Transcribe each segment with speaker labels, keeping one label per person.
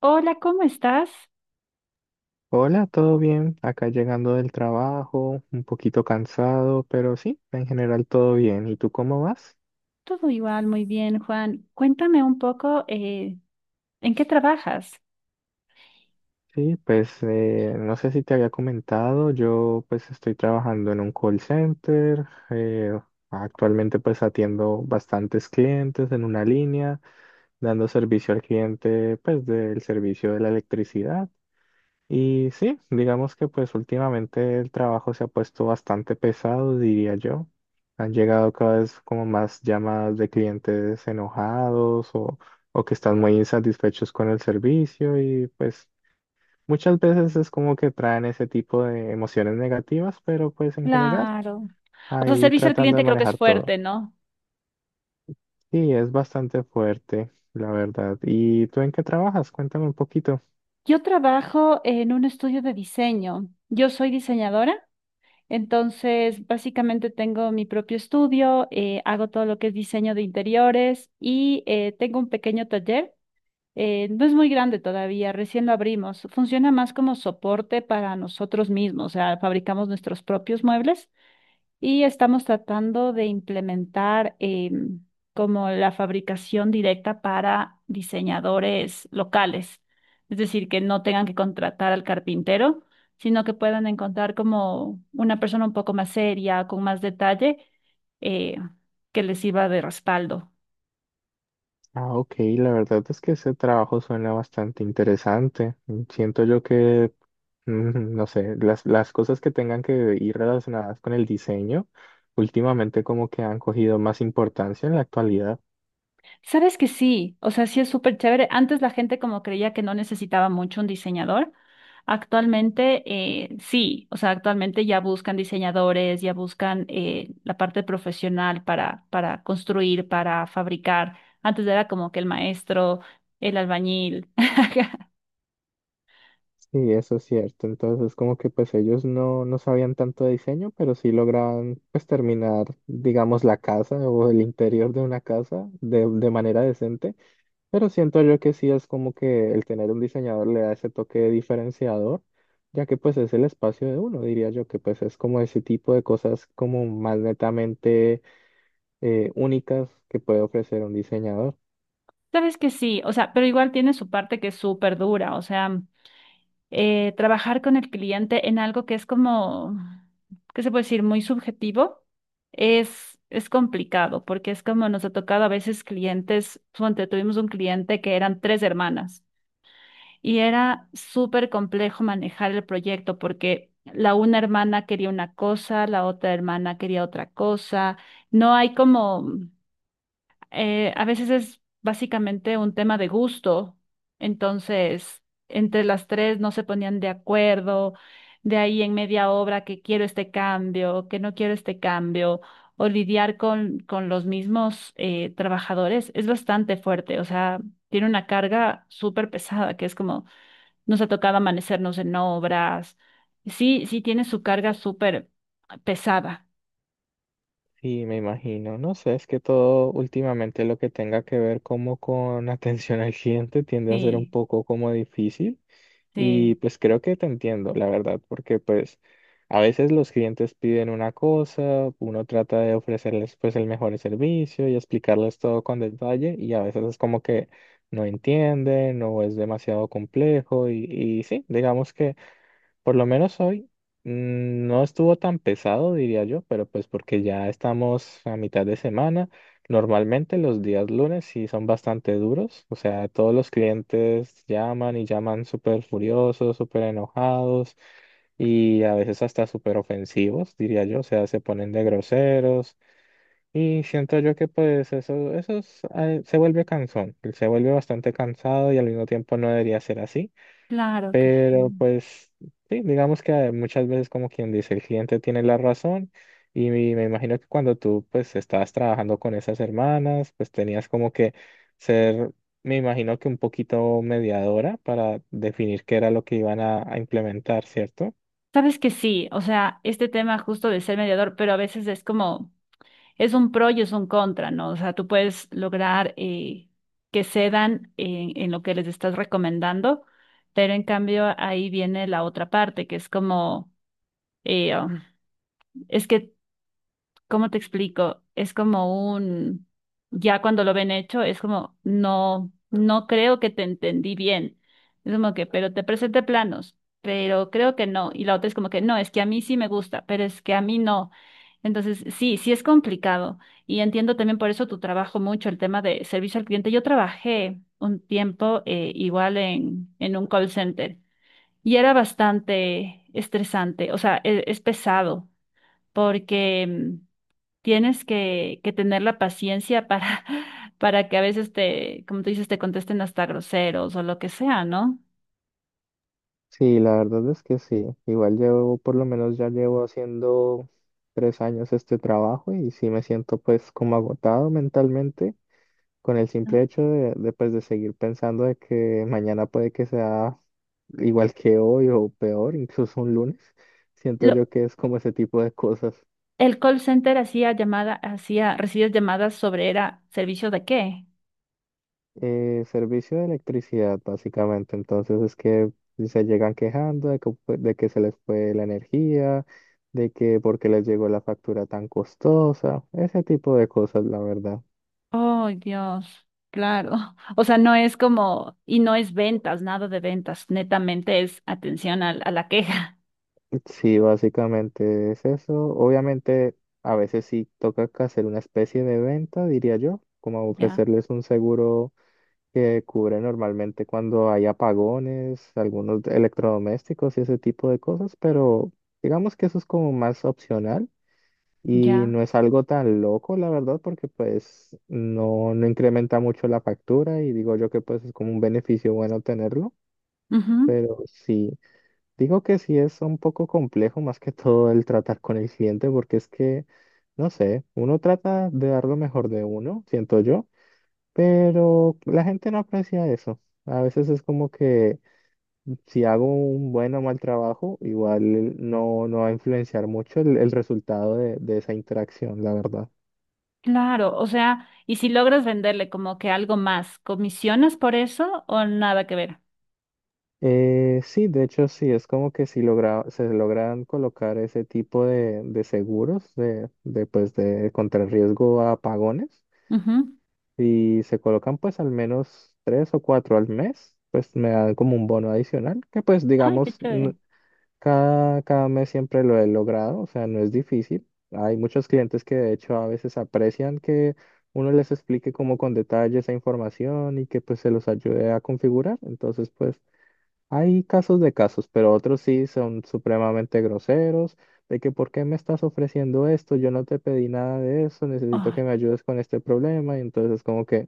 Speaker 1: Hola, ¿cómo estás?
Speaker 2: Hola, ¿todo bien? Acá llegando del trabajo, un poquito cansado, pero sí, en general todo bien. ¿Y tú cómo vas?
Speaker 1: Todo igual, muy bien, Juan. Cuéntame un poco, ¿en qué trabajas?
Speaker 2: Sí, pues no sé si te había comentado, yo pues estoy trabajando en un call center, actualmente pues atiendo bastantes clientes en una línea, dando servicio al cliente pues del servicio de la electricidad. Y sí, digamos que pues últimamente el trabajo se ha puesto bastante pesado, diría yo. Han llegado cada vez como más llamadas de clientes enojados o que están muy insatisfechos con el servicio y pues muchas veces es como que traen ese tipo de emociones negativas, pero pues en general
Speaker 1: Claro. O sea,
Speaker 2: ahí
Speaker 1: servicio al
Speaker 2: tratando de
Speaker 1: cliente creo que es
Speaker 2: manejar todo.
Speaker 1: fuerte, ¿no?
Speaker 2: Sí, es bastante fuerte, la verdad. ¿Y tú en qué trabajas? Cuéntame un poquito.
Speaker 1: Yo trabajo en un estudio de diseño. Yo soy diseñadora, entonces básicamente tengo mi propio estudio, hago todo lo que es diseño de interiores y tengo un pequeño taller. No es muy grande todavía, recién lo abrimos. Funciona más como soporte para nosotros mismos, o sea, fabricamos nuestros propios muebles. Y estamos tratando de implementar em, como la fabricación directa para diseñadores locales, es decir, que no tengan que contratar al carpintero, sino que puedan encontrar como una persona un poco más seria, con más detalle, eh, que les sirva de respaldo.
Speaker 2: Ah, ok, la verdad es que ese trabajo suena bastante interesante. Mm, siento yo que no sé, las cosas que tengan que ir relacionadas con el diseño, últimamente como que han cogido más importancia en la actualidad.
Speaker 1: Sabes que sí, o sea, sí es súper chévere. Antes la gente como creía que no necesitaba mucho un diseñador. Actualmente sí, o sea, actualmente ya buscan diseñadores, ya buscan la parte profesional para construir, para fabricar. Antes era como que el maestro, el albañil.
Speaker 2: Sí, eso es cierto. Entonces como que pues ellos no, no sabían tanto de diseño, pero sí lograban pues terminar, digamos, la casa o el interior de una casa de manera decente. Pero siento yo que sí es como que el tener un diseñador le da ese toque diferenciador, ya que pues es el espacio de uno, diría yo, que pues es como ese tipo de cosas como más netamente únicas que puede ofrecer un diseñador.
Speaker 1: Sabes que sí, o sea, pero igual tiene su parte que es súper dura, o sea. Trabajar con el cliente en algo que es como, ¿qué se puede decir? Muy subjetivo, es complicado porque es como nos ha tocado a veces clientes, ponte, tuvimos un cliente que eran tres hermanas y era súper complejo manejar el proyecto porque la una hermana quería una cosa, la otra hermana quería otra cosa, no hay como a veces es básicamente un tema de gusto, entonces entre las tres no se ponían de acuerdo, de ahí en media obra que quiero este cambio, que no quiero este cambio, o lidiar con los mismos trabajadores es bastante fuerte, o sea, tiene una carga súper pesada, que es como nos ha tocado amanecernos en obras, sí, tiene su carga súper pesada,
Speaker 2: Y me imagino, no sé, es que todo últimamente lo que tenga que ver como con atención al cliente tiende a ser un
Speaker 1: sí,
Speaker 2: poco como difícil. Y
Speaker 1: sí,
Speaker 2: pues creo que te entiendo, la verdad, porque pues a veces los clientes piden una cosa, uno trata de ofrecerles pues el mejor servicio y explicarles todo con detalle y a veces es como que no entienden o es demasiado complejo y sí, digamos que... Por lo menos hoy no estuvo tan pesado, diría yo, pero pues porque ya estamos a mitad de semana. Normalmente los días lunes sí son bastante duros, o sea, todos los clientes llaman y llaman súper furiosos, súper enojados y a veces hasta súper ofensivos, diría yo, o sea, se ponen de groseros y siento yo que pues eso es, se vuelve cansón, se vuelve bastante cansado y al mismo tiempo no debería ser así.
Speaker 1: claro que
Speaker 2: Pero
Speaker 1: sí.
Speaker 2: pues sí, digamos que muchas veces como quien dice, el cliente tiene la razón y me imagino que cuando tú pues estabas trabajando con esas hermanas, pues tenías como que ser, me imagino que un poquito mediadora para definir qué era lo que iban a implementar, ¿cierto?
Speaker 1: Sabes que sí, o sea, este tema justo de ser mediador, pero a veces es como, es un pro y es un contra, ¿no? O sea, tú puedes lograr que cedan en lo que les estás recomendando, pero en cambio ahí viene la otra parte, que es como, eh, um, es que ¿cómo te explico? Es como un, ya cuando lo ven hecho, es como, no, no creo que te entendí bien. Es como que, pero te presenté planos, pero creo que no. Y la otra es como que, no, es que a mí sí me gusta, pero es que a mí no. Entonces, sí es complicado. Y entiendo también por eso tu trabajo mucho, el tema de servicio al cliente. Yo trabajé un tiempo igual en un call center y era bastante estresante, o sea, es pesado porque... tienes que tener la paciencia para, para que a veces te, como tú dices, te contesten hasta groseros o lo que sea, ¿no?
Speaker 2: Sí, la verdad es que sí. Igual llevo, por lo menos ya llevo haciendo 3 años este trabajo y sí me siento pues como agotado mentalmente, con el simple hecho pues, de seguir pensando de que mañana puede que sea igual que hoy o peor, incluso un lunes, siento
Speaker 1: Lo,
Speaker 2: yo que es como ese tipo de cosas.
Speaker 1: el call center hacía llamada, hacía, recibías llamadas sobre era servicio de qué.
Speaker 2: Servicio de electricidad, básicamente. Entonces es que se llegan quejando de que se les fue la energía, de que porque les llegó la factura tan costosa, ese tipo de cosas, la verdad.
Speaker 1: Oh, Dios, claro. O sea, no es como, y no es ventas, nada de ventas, netamente es atención a, la queja.
Speaker 2: Sí, básicamente es eso. Obviamente, a veces sí toca que hacer una especie de venta, diría yo, como
Speaker 1: Ya,
Speaker 2: ofrecerles un seguro que cubre normalmente cuando hay apagones, algunos electrodomésticos y ese tipo de cosas, pero digamos que eso es como más opcional y
Speaker 1: ya.
Speaker 2: no es algo tan loco, la verdad, porque pues no, no incrementa mucho la factura y digo yo que pues es como un beneficio bueno tenerlo,
Speaker 1: Ujú.
Speaker 2: pero sí. Digo que sí es un poco complejo más que todo el tratar con el cliente porque es que, no sé, uno trata de dar lo mejor de uno, siento yo, pero la gente no aprecia eso. A veces es como que si hago un buen o mal trabajo, igual no, no va a influenciar mucho el resultado de esa interacción, la verdad.
Speaker 1: Claro, o sea, y si logras venderle como que algo más, ¿comisionas por eso o nada que ver?
Speaker 2: Sí, de hecho sí, es como que si logra, se logran colocar ese tipo de seguros pues, de contrarriesgo a apagones. Si se colocan pues al menos tres o cuatro al mes, pues me dan como un bono adicional, que pues
Speaker 1: Ay, qué
Speaker 2: digamos,
Speaker 1: chévere.
Speaker 2: cada mes siempre lo he logrado, o sea, no es difícil. Hay muchos clientes que de hecho a veces aprecian que uno les explique como con detalle esa información y que pues se los ayude a configurar. Entonces pues hay casos de casos, pero otros sí son supremamente groseros, de que ¿por qué me estás ofreciendo esto? Yo no te pedí nada de eso, necesito que
Speaker 1: Ay,
Speaker 2: me ayudes con este problema y entonces como que...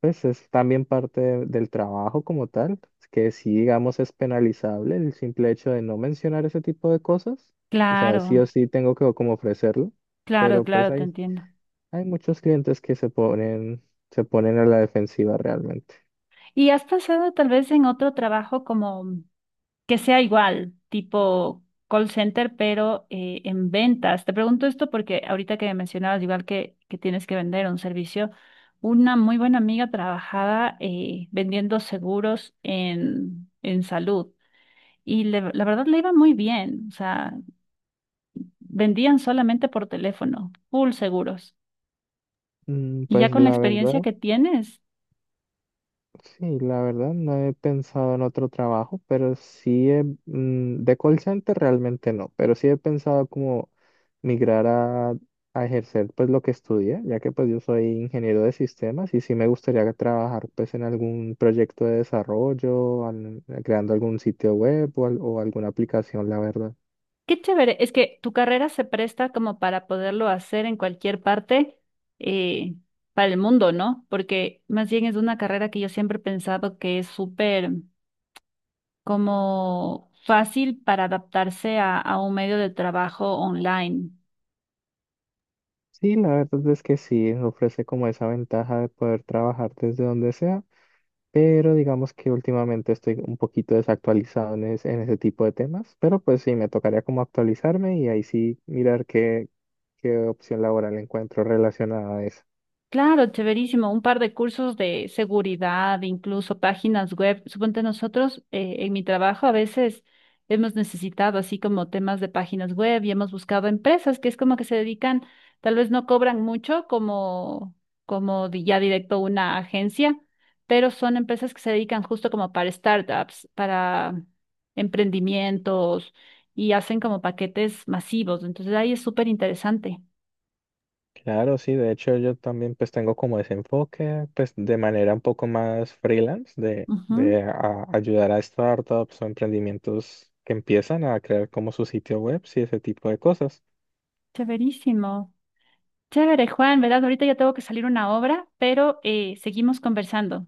Speaker 2: Pues es también parte del trabajo como tal, que sí, digamos, es penalizable el simple hecho de no mencionar ese tipo de cosas. O sea, sí
Speaker 1: claro,
Speaker 2: o sí tengo que como ofrecerlo,
Speaker 1: claro,
Speaker 2: pero pues
Speaker 1: claro, te
Speaker 2: hay,
Speaker 1: entiendo.
Speaker 2: hay muchos clientes que se ponen a la defensiva realmente.
Speaker 1: ¿Y has pasado tal vez en otro trabajo como que sea igual, tipo call center, pero en ventas? Te pregunto esto porque ahorita que mencionabas, igual que tienes que vender un servicio, una muy buena amiga trabajaba vendiendo seguros en salud y la verdad le iba muy bien, o sea, vendían solamente por teléfono, full seguros.
Speaker 2: Mm,
Speaker 1: Y ya
Speaker 2: pues
Speaker 1: con la
Speaker 2: la
Speaker 1: experiencia
Speaker 2: verdad.
Speaker 1: que tienes
Speaker 2: Sí, la verdad no he pensado en otro trabajo, pero sí he, de call center realmente no, pero sí he pensado como migrar a ejercer pues lo que estudié, ya que pues yo soy ingeniero de sistemas y sí me gustaría trabajar pues en algún proyecto de desarrollo, creando algún sitio web o alguna aplicación, la verdad.
Speaker 1: qué chévere, es que tu carrera se presta como para poderlo hacer en cualquier parte eh, para el mundo, ¿no? Porque más bien es una carrera que yo siempre he pensado que es súper como fácil para adaptarse a un medio de trabajo online.
Speaker 2: Sí, la verdad es que sí, ofrece como esa ventaja de poder trabajar desde donde sea, pero digamos que últimamente estoy un poquito desactualizado en ese tipo de temas, pero pues sí, me tocaría como actualizarme y ahí sí mirar qué, qué opción laboral encuentro relacionada a eso.
Speaker 1: Claro, chéverísimo. Un par de cursos de seguridad, incluso páginas web. Suponte nosotros en mi trabajo a veces hemos necesitado así como temas de páginas web y hemos buscado empresas que es como que se dedican, tal vez no cobran mucho como, como ya directo una agencia, pero son empresas que se dedican justo como para startups, para emprendimientos y hacen como paquetes masivos. Entonces ahí es súper interesante.
Speaker 2: Claro, sí, de hecho yo también pues tengo como ese enfoque, pues de manera un poco más freelance,
Speaker 1: Ujú.
Speaker 2: ayudar a startups o emprendimientos que empiezan a crear como su sitio web y ese tipo de cosas.
Speaker 1: Chéverísimo. Chévere, Juan, ¿verdad? Ahorita ya tengo que salir una obra, pero seguimos conversando.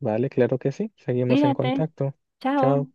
Speaker 2: Vale, claro que sí, seguimos en
Speaker 1: Cuídate.
Speaker 2: contacto. Chao.
Speaker 1: Chao.